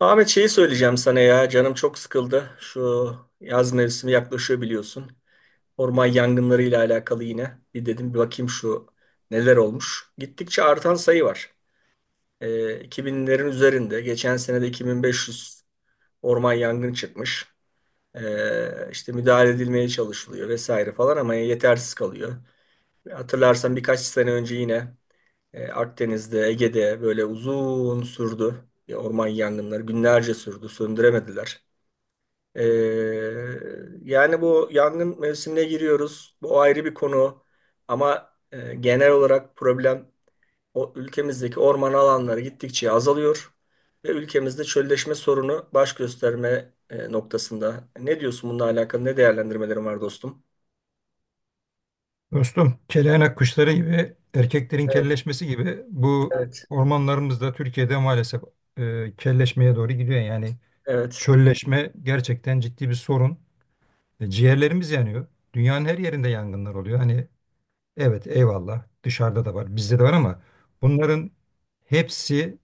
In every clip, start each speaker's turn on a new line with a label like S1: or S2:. S1: Ahmet şeyi söyleyeceğim sana ya. Canım çok sıkıldı. Şu yaz mevsimi yaklaşıyor biliyorsun. Orman yangınları ile alakalı yine. Bir dedim bir bakayım şu neler olmuş. Gittikçe artan sayı var. 2000'lerin üzerinde. Geçen sene de 2500 orman yangını çıkmış. İşte müdahale edilmeye çalışılıyor vesaire falan ama yetersiz kalıyor. Hatırlarsan birkaç sene önce yine Akdeniz'de, Ege'de böyle uzun sürdü. Orman yangınları günlerce sürdü, söndüremediler. Ee, yani bu yangın mevsimine giriyoruz. Bu ayrı bir konu. Ama genel olarak problem o ülkemizdeki orman alanları gittikçe azalıyor ve ülkemizde çölleşme sorunu baş gösterme noktasında. Ne diyorsun bununla alakalı? Ne değerlendirmelerin var dostum?
S2: Dostum, keleynak kuşları gibi, erkeklerin
S1: Evet,
S2: kelleşmesi gibi bu
S1: evet,
S2: ormanlarımız da Türkiye'de maalesef kelleşmeye doğru gidiyor. Yani
S1: evet,
S2: çölleşme gerçekten ciddi bir sorun. Ciğerlerimiz yanıyor. Dünyanın her yerinde yangınlar oluyor. Hani evet, eyvallah, dışarıda da var, bizde de var ama bunların hepsi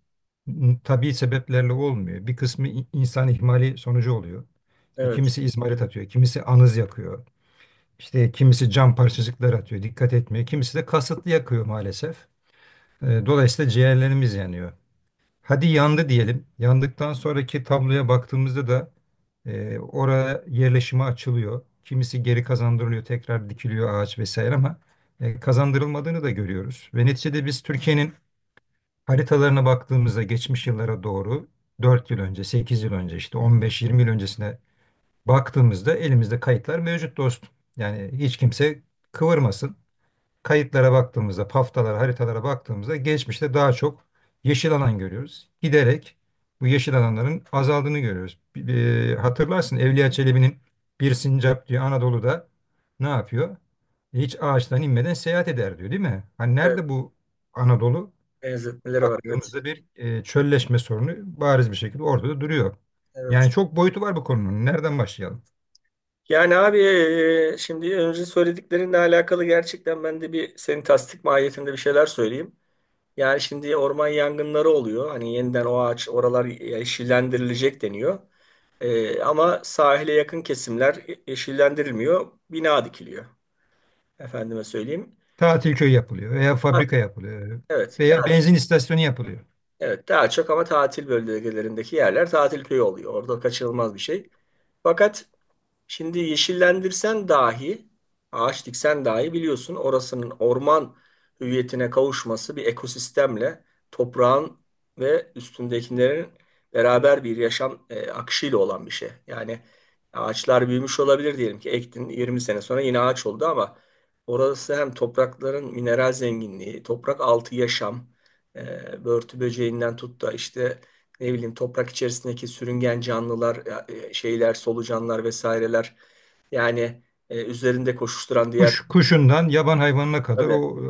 S2: tabii sebeplerle olmuyor. Bir kısmı insan ihmali sonucu oluyor.
S1: evet,
S2: Kimisi izmarit atıyor, kimisi anız yakıyor. İşte kimisi cam parçacıklar atıyor, dikkat etmiyor. Kimisi de kasıtlı yakıyor maalesef. Dolayısıyla ciğerlerimiz yanıyor. Hadi yandı diyelim. Yandıktan sonraki tabloya baktığımızda da oraya yerleşime açılıyor. Kimisi geri kazandırılıyor, tekrar dikiliyor ağaç vesaire ama kazandırılmadığını da görüyoruz. Ve neticede biz Türkiye'nin haritalarına baktığımızda geçmiş yıllara doğru 4 yıl önce, 8 yıl önce, işte 15, 20 yıl öncesine baktığımızda elimizde kayıtlar mevcut dostum. Yani hiç kimse kıvırmasın. Kayıtlara baktığımızda, paftalara, haritalara baktığımızda geçmişte daha çok yeşil alan görüyoruz. Giderek bu yeşil alanların azaldığını görüyoruz. Hatırlarsın, Evliya Çelebi'nin bir sincap diyor Anadolu'da ne yapıyor? Hiç ağaçtan inmeden seyahat eder diyor, değil mi? Hani
S1: evet.
S2: nerede bu Anadolu?
S1: Benzetmeleri var, evet,
S2: Baktığımızda bir çölleşme sorunu bariz bir şekilde ortada duruyor.
S1: evet.
S2: Yani çok boyutu var bu konunun. Nereden başlayalım?
S1: Yani abi, şimdi önce söylediklerinle alakalı gerçekten ben de bir senin tasdik mahiyetinde bir şeyler söyleyeyim. Yani şimdi orman yangınları oluyor. Hani yeniden o ağaç oralar yeşillendirilecek deniyor. Ama sahile yakın kesimler yeşillendirilmiyor. Bina dikiliyor. Efendime söyleyeyim.
S2: Tatil köyü yapılıyor veya
S1: Ha,
S2: fabrika yapılıyor
S1: evet,
S2: veya benzin istasyonu yapılıyor.
S1: evet, daha çok ama tatil bölgelerindeki yerler tatil köyü oluyor. Orada kaçınılmaz bir şey. Fakat şimdi yeşillendirsen dahi, ağaç diksen dahi biliyorsun orasının orman hüviyetine kavuşması bir ekosistemle toprağın ve üstündekilerin beraber bir yaşam akışıyla olan bir şey. Yani ağaçlar büyümüş olabilir diyelim ki ektin 20 sene sonra yine ağaç oldu ama orası hem toprakların mineral zenginliği, toprak altı yaşam, börtü böceğinden tut da işte ne bileyim toprak içerisindeki sürüngen canlılar, şeyler, solucanlar vesaireler. Yani üzerinde koşuşturan diğer.
S2: Kuş kuşundan yaban hayvanına kadar
S1: Tabii.
S2: o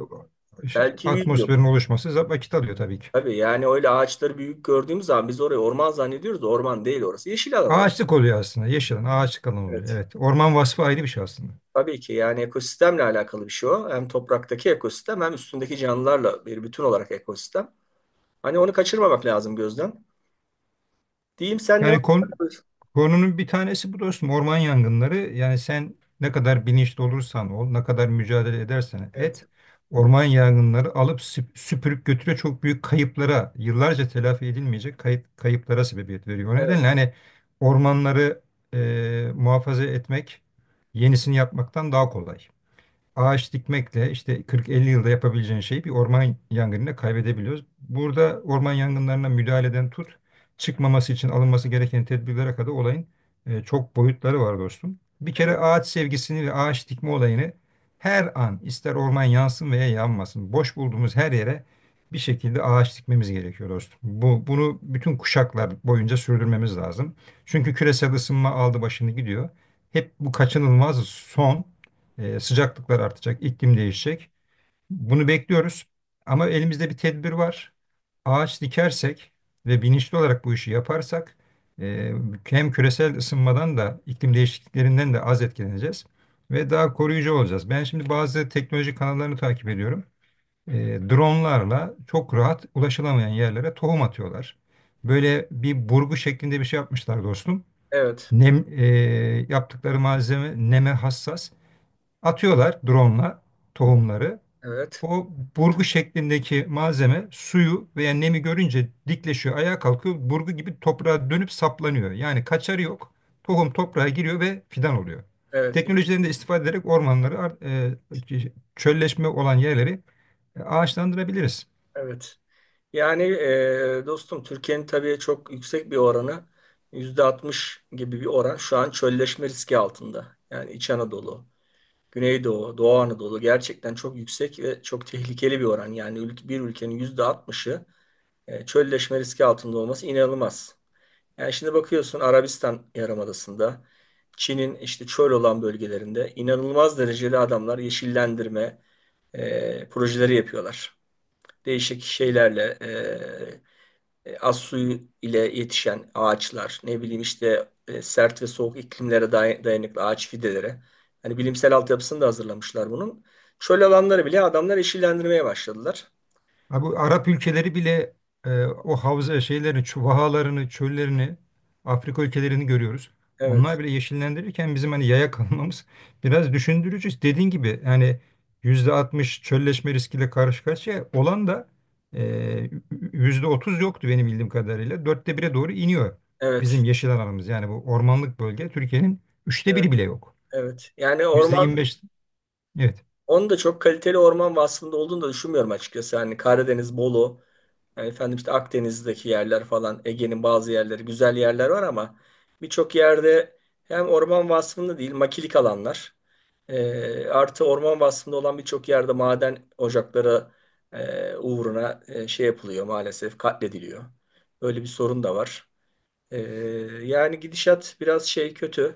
S1: Belki 100 yıl.
S2: atmosferin oluşması vakit alıyor tabii ki.
S1: Tabii yani öyle ağaçları büyük gördüğümüz zaman biz orayı orman zannediyoruz da orman değil orası. Yeşil alan orası.
S2: Ağaçlık oluyor aslında. Yeşil alan, ağaçlık alan oluyor.
S1: Evet.
S2: Evet. Orman vasfı ayrı bir şey aslında.
S1: Tabii ki yani ekosistemle alakalı bir şey o. Hem topraktaki ekosistem hem üstündeki canlılarla bir bütün olarak ekosistem. Hani onu kaçırmamak lazım gözden. Diyeyim sen devam
S2: Yani
S1: et.
S2: konunun bir tanesi bu dostum, orman yangınları. Yani sen ne kadar bilinçli olursan ol, ne kadar mücadele edersen
S1: Evet.
S2: et, orman yangınları alıp süpürüp götürüyor. Çok büyük kayıplara, yıllarca telafi edilmeyecek kayıplara sebebiyet veriyor. O
S1: Evet.
S2: nedenle hani ormanları muhafaza etmek yenisini yapmaktan daha kolay, ağaç dikmekle işte 40-50 yılda yapabileceğin şeyi bir orman yangınına kaybedebiliyoruz. Burada orman yangınlarına müdahaleden tut, çıkmaması için alınması gereken tedbirlere kadar olayın çok boyutları var dostum. Bir kere
S1: Evet.
S2: ağaç sevgisini ve ağaç dikme olayını her an, ister orman yansın veya yanmasın, boş bulduğumuz her yere bir şekilde ağaç dikmemiz gerekiyor dostum. Bunu bütün kuşaklar boyunca sürdürmemiz lazım. Çünkü küresel ısınma aldı başını gidiyor. Hep bu kaçınılmaz son. Sıcaklıklar artacak, iklim değişecek. Bunu bekliyoruz. Ama elimizde bir tedbir var. Ağaç dikersek ve bilinçli olarak bu işi yaparsak e, hem küresel ısınmadan da iklim değişikliklerinden de az etkileneceğiz ve daha koruyucu olacağız. Ben şimdi bazı teknoloji kanallarını takip ediyorum. E, Dronlarla çok rahat ulaşılamayan yerlere tohum atıyorlar. Böyle bir burgu şeklinde bir şey yapmışlar dostum.
S1: Evet.
S2: Nem, e, Yaptıkları malzeme neme hassas. Atıyorlar drone'la tohumları.
S1: Evet.
S2: O burgu şeklindeki malzeme suyu veya nemi görünce dikleşiyor, ayağa kalkıyor. Burgu gibi toprağa dönüp saplanıyor. Yani kaçarı yok. Tohum toprağa giriyor ve fidan oluyor.
S1: Evet. Evet.
S2: Teknolojilerini de istifade ederek ormanları, çölleşme olan yerleri ağaçlandırabiliriz.
S1: Evet. Yani dostum Türkiye'nin tabii çok yüksek bir oranı %60 gibi bir oran şu an çölleşme riski altında. Yani İç Anadolu, Güneydoğu, Doğu Anadolu gerçekten çok yüksek ve çok tehlikeli bir oran. Yani bir ülkenin %60'ı çölleşme riski altında olması inanılmaz. Yani şimdi bakıyorsun Arabistan Yarımadası'nda, Çin'in işte çöl olan bölgelerinde inanılmaz derecede adamlar yeşillendirme projeleri yapıyorlar. Değişik şeylerle az suyu ile yetişen ağaçlar, ne bileyim işte sert ve soğuk iklimlere dayanıklı ağaç fideleri. Hani bilimsel altyapısını da hazırlamışlar bunun. Çöl alanları bile adamlar yeşillendirmeye başladılar.
S2: Ha, bu Arap ülkeleri bile o havza şeylerini, vahalarını, çöllerini, Afrika ülkelerini görüyoruz. Onlar
S1: Evet,
S2: bile yeşillendirirken bizim hani yaya kalmamız biraz düşündürücü. Dediğin gibi yani %60 çölleşme riskiyle karşı karşıya olan da e, %30 yoktu benim bildiğim kadarıyla. Dörtte bire doğru iniyor bizim
S1: evet,
S2: yeşil alanımız. Yani bu ormanlık bölge Türkiye'nin üçte
S1: evet,
S2: biri bile yok.
S1: evet. Yani
S2: Kesinlikle.
S1: orman,
S2: %25, evet.
S1: onun da çok kaliteli orman vasfında olduğunu da düşünmüyorum açıkçası. Hani Karadeniz, Bolu, yani efendim işte Akdeniz'deki yerler falan, Ege'nin bazı yerleri güzel yerler var ama birçok yerde hem orman vasfında değil makilik alanlar artı orman vasfında olan birçok yerde maden ocakları uğruna şey yapılıyor maalesef katlediliyor. Böyle bir sorun da var. E, Yani gidişat biraz şey kötü.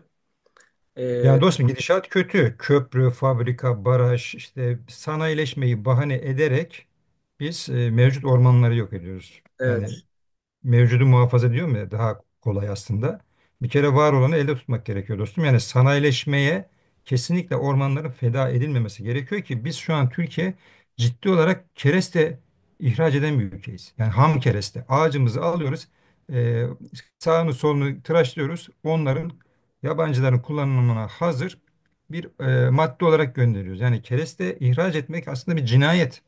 S1: E,
S2: Yani dostum, gidişat kötü. Köprü, fabrika, baraj, işte sanayileşmeyi bahane ederek biz mevcut ormanları yok ediyoruz. Yani
S1: evet,
S2: mevcudu muhafaza diyorum ya, daha kolay aslında. Bir kere var olanı elde tutmak gerekiyor dostum. Yani sanayileşmeye kesinlikle ormanların feda edilmemesi gerekiyor ki biz şu an Türkiye ciddi olarak kereste ihraç eden bir ülkeyiz. Yani ham kereste. Ağacımızı alıyoruz, e, sağını solunu tıraşlıyoruz. Onların, yabancıların kullanımına hazır bir madde olarak gönderiyoruz. Yani kereste ihraç etmek aslında bir cinayet.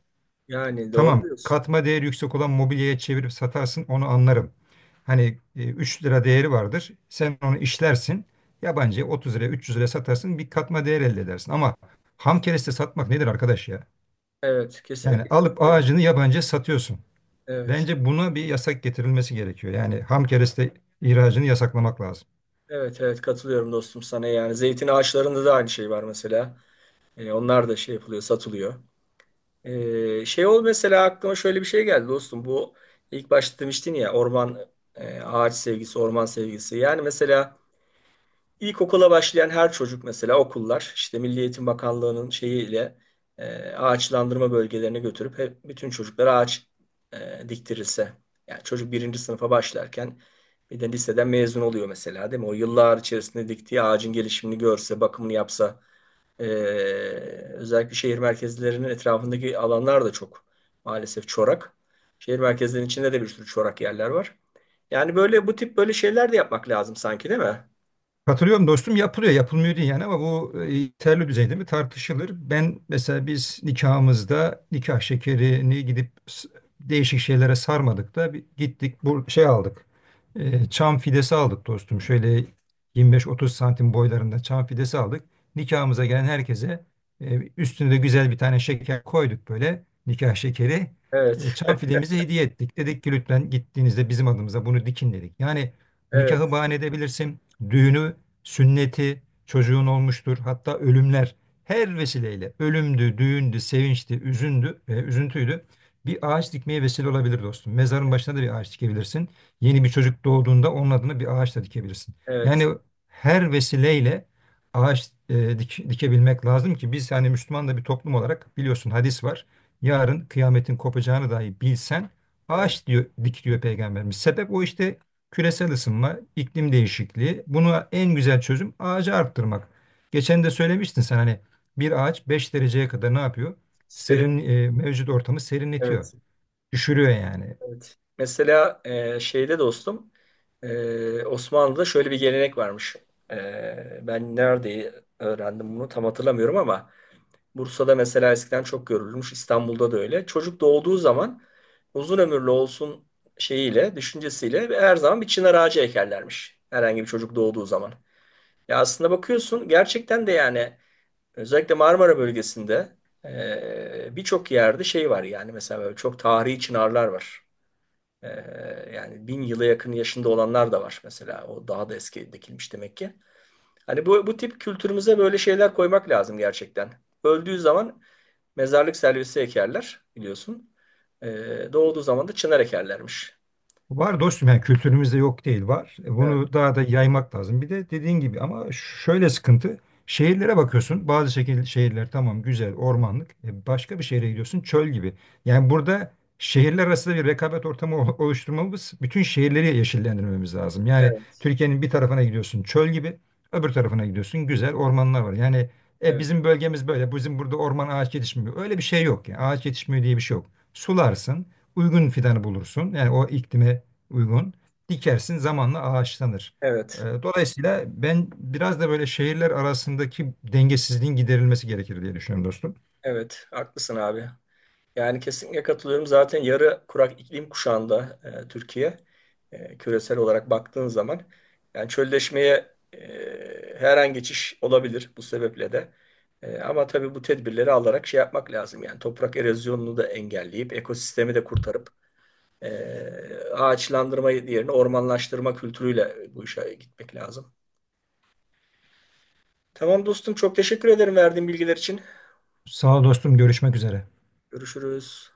S1: yani doğru
S2: Tamam,
S1: diyorsun.
S2: katma değeri yüksek olan mobilyaya çevirip satarsın, onu anlarım. Hani 3 lira değeri vardır. Sen onu işlersin. Yabancıya 30 liraya, 300 liraya satarsın, bir katma değer elde edersin. Ama ham kereste satmak nedir arkadaş ya?
S1: Evet,
S2: Yani
S1: kesinlikle
S2: alıp
S1: katılıyorum.
S2: ağacını yabancıya satıyorsun.
S1: Evet.
S2: Bence buna bir yasak getirilmesi gerekiyor. Yani ham kereste ihracını yasaklamak lazım.
S1: Evet, evet, katılıyorum dostum sana, yani zeytin ağaçlarında da aynı şey var mesela. Onlar da şey yapılıyor, satılıyor. Şey ol, mesela aklıma şöyle bir şey geldi dostum. Bu ilk başta demiştin ya, orman, ağaç sevgisi, orman sevgisi. Yani mesela ilkokula başlayan her çocuk, mesela okullar işte Milli Eğitim Bakanlığı'nın şeyiyle ağaçlandırma bölgelerine götürüp hep bütün çocuklara ağaç diktirilse. Yani çocuk birinci sınıfa başlarken bir de liseden mezun oluyor mesela değil mi? O yıllar içerisinde diktiği ağacın gelişimini görse, bakımını yapsa, ee, özellikle şehir merkezlerinin etrafındaki alanlar da çok maalesef çorak. Şehir merkezlerinin içinde de bir sürü çorak yerler var. Yani böyle bu tip böyle şeyler de yapmak lazım sanki değil mi?
S2: Katılıyorum dostum, yapılıyor yapılmıyor değil yani, ama bu yeterli düzeyde mi tartışılır. Ben mesela biz nikahımızda nikah şekerini gidip değişik şeylere sarmadık da bir gittik bu şey aldık. E, çam fidesi aldık dostum, şöyle 25-30 santim boylarında çam fidesi aldık. Nikahımıza gelen herkese üstüne de güzel bir tane şeker koyduk, böyle nikah şekeri.
S1: Evet,
S2: Çam fidemizi hediye ettik. Dedik ki lütfen gittiğinizde bizim adımıza bunu dikin dedik. Yani nikahı
S1: evet,
S2: bahane edebilirsin. Düğünü, sünneti çocuğun olmuştur. Hatta ölümler, her vesileyle, ölümdü, düğündü, sevinçti, üzüntüydü. Bir ağaç dikmeye vesile olabilir dostum. Mezarın başına da bir ağaç dikebilirsin. Yeni bir çocuk doğduğunda onun adına bir ağaç da dikebilirsin. Yani
S1: evet,
S2: her vesileyle ağaç dikebilmek lazım ki biz yani Müslüman da bir toplum olarak biliyorsun, hadis var. Yarın kıyametin kopacağını dahi bilsen
S1: evet.
S2: ağaç diyor, dik diyor peygamberimiz. Sebep o işte, küresel ısınma, iklim değişikliği. Buna en güzel çözüm ağacı arttırmak. Geçen de söylemiştin sen, hani bir ağaç 5 dereceye kadar ne yapıyor?
S1: Serin,
S2: Serin, mevcut ortamı serinletiyor.
S1: evet,
S2: Düşürüyor yani.
S1: evet. Mesela, şeyde dostum, Osmanlı'da şöyle bir gelenek varmış. Ben nerede öğrendim bunu tam hatırlamıyorum ama Bursa'da mesela eskiden çok görülmüş, İstanbul'da da öyle. Çocuk doğduğu zaman uzun ömürlü olsun şeyiyle, düşüncesiyle her zaman bir çınar ağacı ekerlermiş. Herhangi bir çocuk doğduğu zaman. Ya aslında bakıyorsun gerçekten de yani özellikle Marmara bölgesinde birçok yerde şey var yani mesela böyle çok tarihi çınarlar var. E, Yani 1000 yıla yakın yaşında olanlar da var mesela. O daha da eski dikilmiş demek ki. Hani bu tip kültürümüze böyle şeyler koymak lazım gerçekten. Öldüğü zaman mezarlık servisi ekerler biliyorsun. Doğduğu zaman da çınar ekerlermiş.
S2: Var dostum, yani kültürümüzde yok değil, var.
S1: Evet,
S2: Bunu daha da yaymak lazım. Bir de dediğin gibi ama şöyle sıkıntı. Şehirlere bakıyorsun. Bazı şehirler tamam, güzel ormanlık. Başka bir şehre gidiyorsun çöl gibi. Yani burada şehirler arasında bir rekabet ortamı oluşturmamız, bütün şehirleri yeşillendirmemiz lazım. Yani
S1: evet,
S2: Türkiye'nin bir tarafına gidiyorsun çöl gibi, öbür tarafına gidiyorsun güzel ormanlar var. Yani
S1: evet,
S2: bizim bölgemiz böyle. Bizim burada orman ağaç yetişmiyor. Öyle bir şey yok. Yani. Ağaç yetişmiyor diye bir şey yok. Sularsın, uygun fidanı bulursun. Yani o iklime uygun. Dikersin, zamanla ağaçlanır.
S1: evet,
S2: Dolayısıyla ben biraz da böyle şehirler arasındaki dengesizliğin giderilmesi gerekir diye düşünüyorum dostum.
S1: evet. Haklısın abi. Yani kesinlikle katılıyorum. Zaten yarı kurak iklim kuşağında, Türkiye, küresel olarak baktığın zaman yani çölleşmeye, her an geçiş olabilir bu sebeple de. Ama tabii bu tedbirleri alarak şey yapmak lazım. Yani toprak erozyonunu da engelleyip ekosistemi de kurtarıp, Ee, ağaçlandırma yerine ormanlaştırma kültürüyle bu işe gitmek lazım. Tamam dostum, çok teşekkür ederim verdiğin bilgiler için.
S2: Sağ ol dostum, görüşmek üzere.
S1: Görüşürüz.